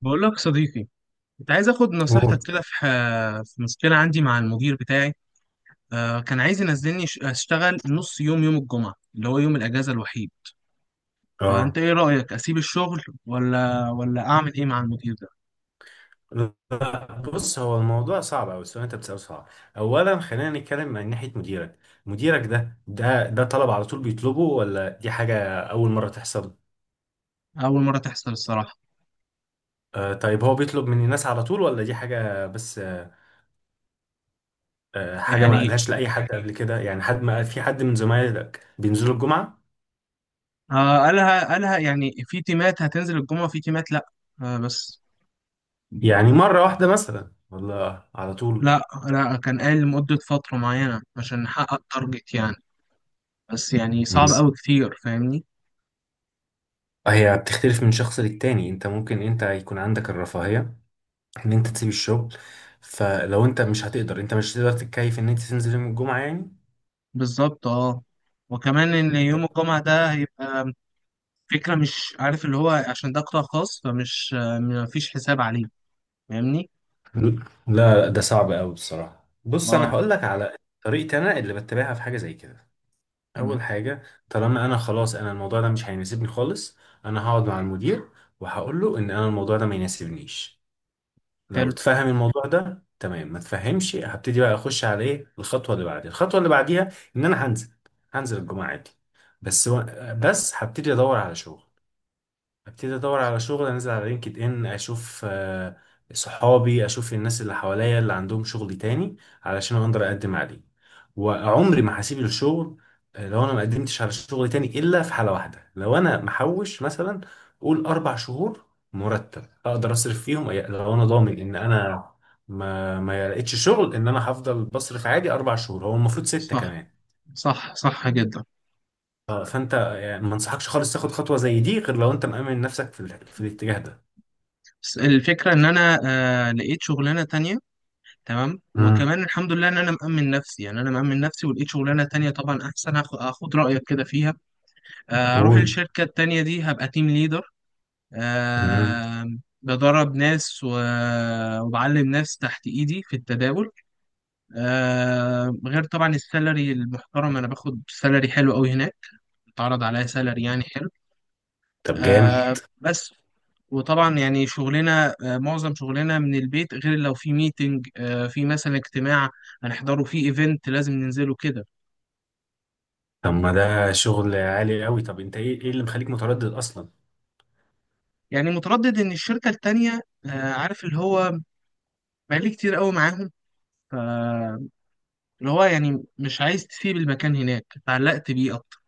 بقول لك صديقي، كنت عايز اخد نصيحتك موت. كده في في مشكله عندي مع المدير بتاعي. كان عايز ينزلني اشتغل نص يوم يوم الجمعه اللي هو يوم الاجازه الوحيد. اه. فانت ايه رايك اسيب الشغل ولا اعمل ايه مع المدير ده؟ لا، بص هو الموضوع صعب أوي، السؤال اللي أنت بتسأله صعب. أولا خلينا نتكلم من ناحية مديرك. مديرك ده ده طلب على طول بيطلبه ولا دي حاجة أول مرة تحصل؟ اول مره تحصل الصراحه. آه، طيب هو بيطلب من الناس على طول ولا دي حاجة بس؟ حاجة ما يعني قالهاش لأي حد قبل كده؟ يعني حد ما في حد من زمايلك بينزلوا الجمعة؟ قالها يعني في تيمات هتنزل الجمعه، في تيمات لا. بس يعني مرة واحدة مثلا ولا على طول؟ لا لا كان قال لمده فتره معينه عشان نحقق تارجت يعني. بس يعني صعب بس قوي كتير، فاهمني؟ هي بتختلف من شخص للتاني، انت ممكن انت يكون عندك الرفاهية ان انت تسيب الشغل. فلو انت مش هتقدر تتكيف ان انت تنزل يوم الجمعة يعني. بالظبط، اه. وكمان ان يوم طب الجمعة ده هيبقى فكرة مش عارف اللي هو، عشان ده قطاع خاص فمش مفيش حساب عليه، فاهمني؟ لا، لا ده صعب قوي بصراحة. بص انا اه. هقول لك على طريقتي انا اللي بتبعها في حاجة زي كده. اول مم. حاجة، طالما انا خلاص انا الموضوع ده مش هيناسبني خالص، انا هقعد مع المدير وهقول له ان انا الموضوع ده ما يناسبنيش. لو حلو. تفهم الموضوع ده تمام، ما تفهمش هبتدي بقى اخش على ايه الخطوة اللي بعديها، الخطوة اللي بعديها ان انا هنزل الجمعة عادي. بس و... بس هبتدي ادور على شغل، ابتدي ادور على شغل، انزل على لينكد ان اشوف صحابي، اشوف الناس اللي حواليا اللي عندهم شغل تاني علشان اقدر اقدم عليه. وعمري ما هسيب الشغل لو انا ما قدمتش على شغل تاني الا في حالة واحدة، لو انا محوش مثلا قول اربع شهور مرتب اقدر اصرف فيهم. لو انا ضامن ان انا ما لقيتش شغل ان انا هفضل بصرف عادي اربع شهور، هو المفروض ستة صح. كمان. صح جدا. فانت يعني ما انصحكش خالص تاخد خطوة زي دي غير لو انت مأمن نفسك في في الاتجاه بس الفكرة ان انا آه لقيت شغلانة تانية، تمام؟ ده. وكمان الحمد لله ان انا مأمن نفسي، يعني انا مأمن نفسي ولقيت شغلانة تانية طبعا احسن. هاخد رأيك كده فيها. آه، اروح قول. الشركة التانية دي هبقى تيم ليدر. مم. آه. بدرب ناس وبعلم ناس تحت ايدي في التداول. آه، غير طبعا السالري المحترم، انا باخد سالري حلو قوي هناك، اتعرض عليا سالري يعني حلو. طب جامد. آه، بس وطبعا يعني شغلنا، آه، معظم شغلنا من البيت، غير لو في ميتنج، آه، في مثلا اجتماع هنحضره، في ايفنت لازم ننزله كده. طب ما ده شغل عالي قوي، طب انت ايه اللي مخليك متردد اصلا؟ يعني متردد ان الشركة التانية، آه، عارف اللي هو، بقالي كتير قوي معاهم، ف- اللي هو يعني مش عايز تسيب المكان هناك، اتعلقت بيه اكتر.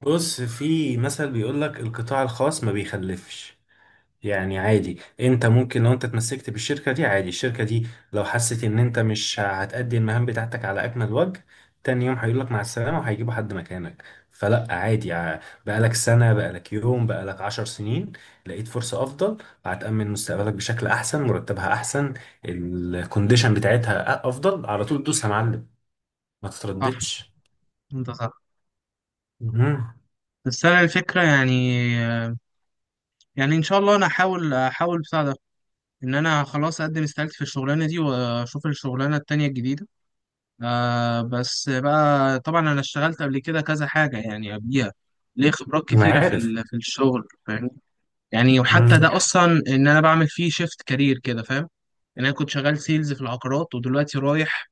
بص في مثل بيقول لك القطاع الخاص ما بيخلفش. يعني عادي انت ممكن لو انت اتمسكت بالشركة دي عادي، الشركة دي لو حست ان انت مش هتأدي المهام بتاعتك على اكمل وجه تاني يوم هيقولك مع السلامة وهيجيبوا حد مكانك. فلا عادي. بقالك سنة، بقالك يوم، بقالك عشر سنين، لقيت فرصة افضل، هتأمن مستقبلك بشكل احسن، مرتبها احسن، الكونديشن بتاعتها افضل، على طول دوس يا معلم، ما صح، تترددش. انت صح. مم. بس انا الفكرة يعني، يعني ان شاء الله انا احاول بتاع ده، ان انا خلاص اقدم استقالتي في الشغلانه دي واشوف الشغلانه التانية الجديده. آه بس بقى طبعا انا اشتغلت قبل كده كذا حاجه يعني قبليها، ليه خبرات ما كتيره في عارف. في الشغل، فاهم؟ يعني وحتى مم. ده اصلا ان انا بعمل فيه شيفت كارير كده، فاهم؟ ان انا كنت شغال سيلز في العقارات ودلوقتي رايح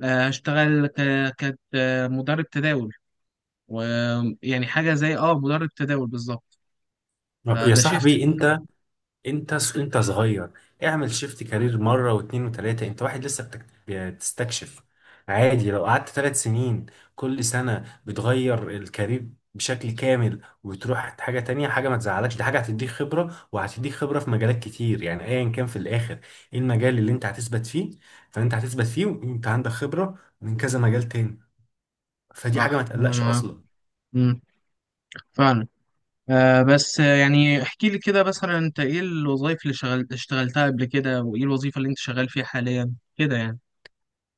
اشتغل مدرب تداول. ويعني حاجه زي اه مدرب تداول بالظبط، يا فده شيفت. صاحبي انت، انت صغير، اعمل شيفت كارير مره واتنين وتلاته، انت واحد لسه بتستكشف. عادي لو قعدت تلات سنين كل سنه بتغير الكارير بشكل كامل وتروح حاجه تانية، حاجه ما تزعلكش، دي حاجه هتديك خبره وهتديك خبره في مجالات كتير. يعني ايا كان في الاخر ايه المجال اللي انت هتثبت فيه، فانت هتثبت فيه وانت عندك خبره من كذا مجال تاني، فدي حاجه ما صح، أنا تقلقش معاك. اصلا. مم. فعلا. آه بس يعني احكي لي كده مثلا انت ايه الوظائف اللي اشتغلتها قبل كده، وايه الوظيفة اللي انت شغال فيها حاليا كده يعني؟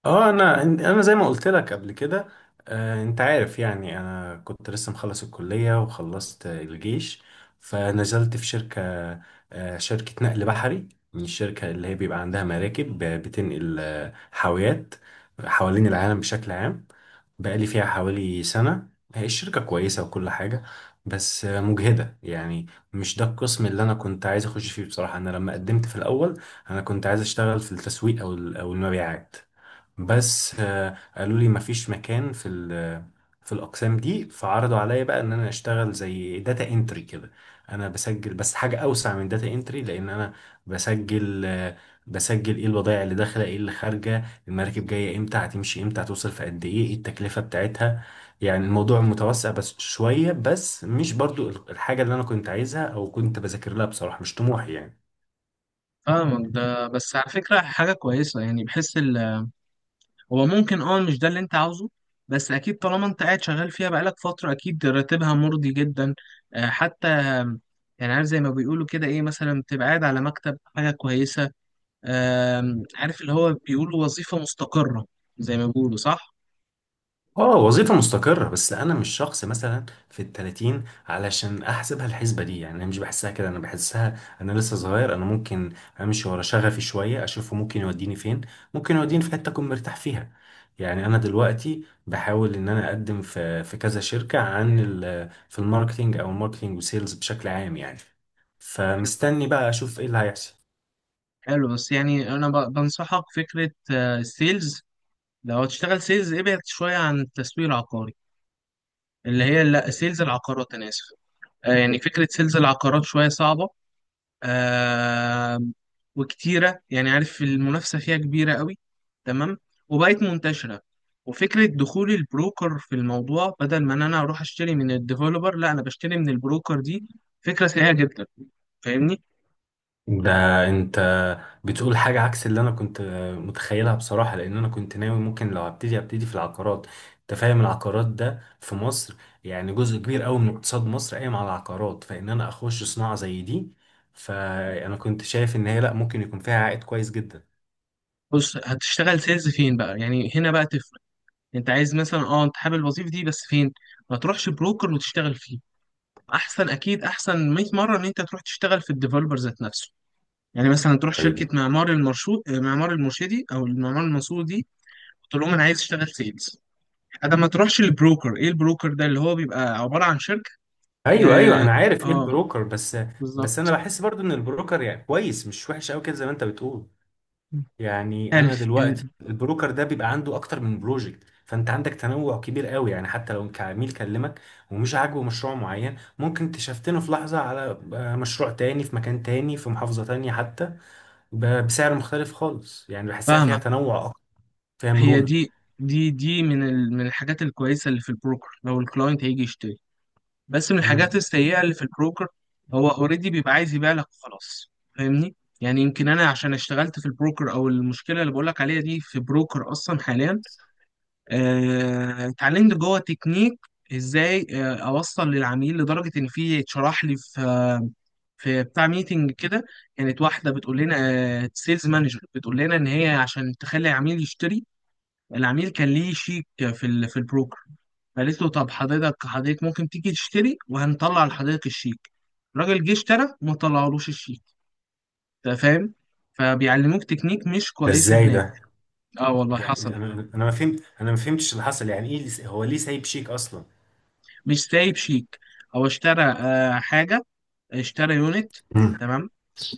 اه، انا زي ما قلت لك قبل كده، آه انت عارف يعني انا كنت لسه مخلص الكلية وخلصت الجيش، فنزلت في شركة، آه شركة نقل بحري. من الشركة اللي هي بيبقى عندها مراكب بتنقل حاويات حوالين العالم بشكل عام. بقالي فيها حوالي سنة. هي الشركة كويسة وكل حاجة، بس مجهدة يعني. مش ده القسم اللي أنا كنت عايز أخش فيه بصراحة. أنا لما قدمت في الأول أنا كنت عايز أشتغل في التسويق أو أو المبيعات، بس قالوا لي مفيش مكان في في الاقسام دي، فعرضوا عليا بقى ان انا اشتغل زي داتا انتري كده. انا بسجل بس حاجه اوسع من داتا انتري، لان انا بسجل ايه البضائع اللي داخله، ايه اللي خارجه، المراكب جايه امتى، هتمشي امتى، هتوصل في قد ايه، ايه التكلفه بتاعتها. يعني الموضوع متوسع بس شويه، بس مش برضو الحاجه اللي انا كنت عايزها او كنت بذاكر لها بصراحه، مش طموحي يعني. فاهمك. ده بس على فكرة حاجة كويسة، يعني بحس هو ممكن اه مش ده اللي انت عاوزه، بس اكيد طالما انت قاعد شغال فيها بقالك فترة اكيد راتبها مرضي جدا. آه حتى يعني عارف زي ما بيقولوا كده ايه، مثلا بتبقى قاعد على مكتب، حاجة كويسة. آه عارف اللي هو، بيقولوا وظيفة مستقرة زي ما بيقولوا، صح؟ اه وظيفة مستقرة، بس انا مش شخص مثلا في التلاتين علشان احسبها الحسبة دي يعني. انا مش بحسها كده، انا بحسها انا لسه صغير، انا ممكن امشي ورا شغفي شوية اشوفه ممكن يوديني فين، ممكن يوديني في حتة اكون مرتاح فيها. يعني انا دلوقتي بحاول ان انا اقدم في كذا شركة عن في الماركتينج او الماركتينج وسيلز بشكل عام يعني. فمستني بقى اشوف ايه اللي هيحصل. حلو. بس يعني انا بنصحك فكره، السيلز، لو هتشتغل سيلز ابعد شويه عن التسويق العقاري، اللي هي لا سيلز العقارات، انا اسف. يعني فكره سيلز العقارات شويه صعبه، آه، وكتيره. يعني عارف المنافسه فيها كبيره قوي، تمام؟ وبقت منتشره. وفكره دخول البروكر في الموضوع، بدل ما ان انا اروح اشتري من الديفلوبر، لا انا بشتري من البروكر دي فكره سيئه جدا، فاهمني؟ ده انت بتقول حاجة عكس اللي انا كنت متخيلها بصراحة، لان انا كنت ناوي ممكن لو هبتدي في العقارات. انت فاهم العقارات ده في مصر يعني جزء كبير قوي من اقتصاد مصر قايم على العقارات، فان انا اخش صناعة زي دي فانا كنت شايف ان هي لا ممكن يكون فيها عائد كويس جدا. بص هتشتغل سيلز فين بقى، يعني هنا بقى؟ انت عايز مثلا اه، انت حابب الوظيفه دي، بس فين؟ ما تروحش بروكر وتشتغل فيه، احسن اكيد، احسن 100 مره ان انت تروح تشتغل في الديفلوبر ذات نفسه. يعني مثلا تروح شركه طيب، معمار المرشود، معمار المرشدي، او المعمار المنصور دي، تقول لهم انا عايز اشتغل سيلز، انا ما تروحش للبروكر. ايه البروكر ده؟ اللي هو بيبقى عباره عن شركه. ايوه اه, انا عارف ايه آه. البروكر بس. بس انا بالظبط. بحس برضو ان البروكر يعني كويس، مش وحش قوي كده زي ما انت بتقول. يعني انا ألف دلوقتي ال- البروكر ده بيبقى عنده اكتر من بروجكت، فانت عندك تنوع كبير قوي يعني. حتى لو كعميل كلمك ومش عاجبه مشروع معين ممكن تشفتنه في لحظة على مشروع تاني في مكان تاني، في محافظة تانية حتى، بسعر مختلف خالص. يعني بحسها فيها فاهمة. تنوع اكتر، فيها هي مرونة. دي، دي من من الحاجات الكويسة اللي في البروكر، لو الكلاينت هيجي بس من الحاجات امم، السيئة اللي في البروكر، هو اوريدي بيبقى عايز يبيع لك وخلاص، فاهمني؟ يعني يمكن انا عشان اشتغلت في البروكر، او المشكلة اللي بقولك عليها دي في بروكر اصلا حاليا، اتعلمت جوه تكنيك ازاي اوصل للعميل، لدرجة ان في اتشرح لي في في بتاع ميتنج كده، كانت واحدة بتقول لنا سيلز مانجر بتقول لنا ان هي عشان تخلي العميل يشتري، العميل كان ليه شيك في في البروكر، قالت له طب حضرتك، ممكن تيجي تشتري وهنطلع لحضرتك الشيك، الراجل جه اشترى وما طلعلوش الشيك، انت فاهم؟ فبيعلموك تكنيك مش ده كويسة ازاي هناك. ده؟ اه والله يعني حصل. انا ما فهمت، انا ما فهمتش اللي حصل. يعني ايه هو ليه سايب شيك اصلا؟ مش سايب شيك، هو اشترى آه حاجة، اشترى يونت، امم. تمام؟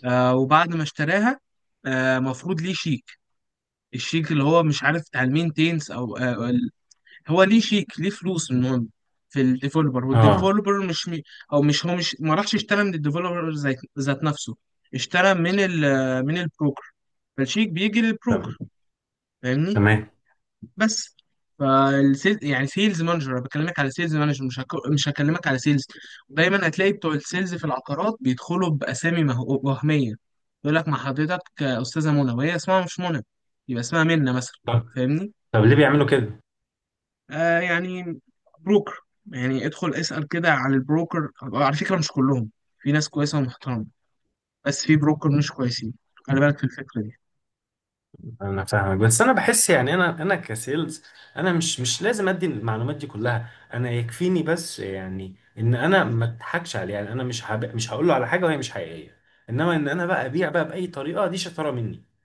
آه وبعد ما اشتراها، آه مفروض ليه شيك، الشيك اللي هو مش عارف بتاع المينتينس او هو ليه شيك، ليه فلوس، المهم في الديفلوبر، اه. والديفلوبر مش مي... او مش، هو مش ما راحش اشترى من الديفلوبر ذات نفسه، اشترى من ال من البروكر، فالشيك بيجي طب للبروكر، فاهمني؟ تمام. بس فالسيل يعني سيلز مانجر، انا بكلمك على سيلز مانجر مش هكلمك على سيلز، دايما هتلاقي بتوع السيلز في العقارات بيدخلوا باسامي وهميه، يقول لك مع حضرتك استاذه منى وهي اسمها مش منى، يبقى اسمها منى مثلا، طب فاهمني؟ طب ليه بيعملوا كده؟ آه يعني بروكر. يعني ادخل اسأل كده على البروكر، على فكرة مش كلهم، في ناس كويسة ومحترمة، بس في بروكر مش كويسين، خلي بالك في الفكرة دي. انا فاهمك بس انا بحس يعني انا انا كسيلز انا مش لازم ادي المعلومات دي كلها. انا يكفيني بس يعني ان انا ما اضحكش عليه. يعني انا مش هقول له على حاجه وهي مش حقيقيه، انما ان انا بقى ابيع بقى باي طريقه دي شطاره مني.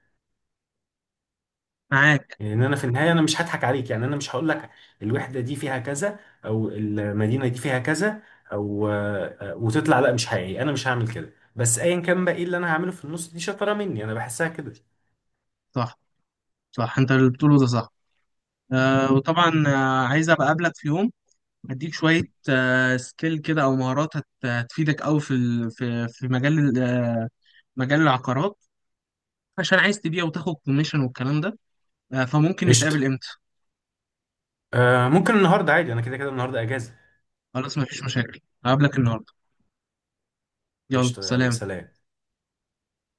معاك. يعني ان انا في النهايه انا مش هضحك عليك، يعني انا مش هقول لك الوحده دي فيها كذا او المدينه دي فيها كذا او وتطلع لا مش حقيقي، انا مش هعمل كده. بس ايا كان بقى ايه اللي انا هعمله في النص دي شطاره مني، انا بحسها كده. صح. صح انت اللي بتقوله ده صح. آه وطبعا آه عايز ابقى اقابلك في يوم، هديك شوية آه سكيل كده او مهارات هتفيدك قوي في في في مجال مجال العقارات، عشان عايز تبيع وتاخد كوميشن والكلام ده. آه فممكن قشطه. نتقابل امتى؟ آه ممكن النهارده عادي، انا كده كده النهارده اجازه. خلاص مفيش مشاكل، هقابلك النهارده. يلا قشطة يلا سلام. سلام.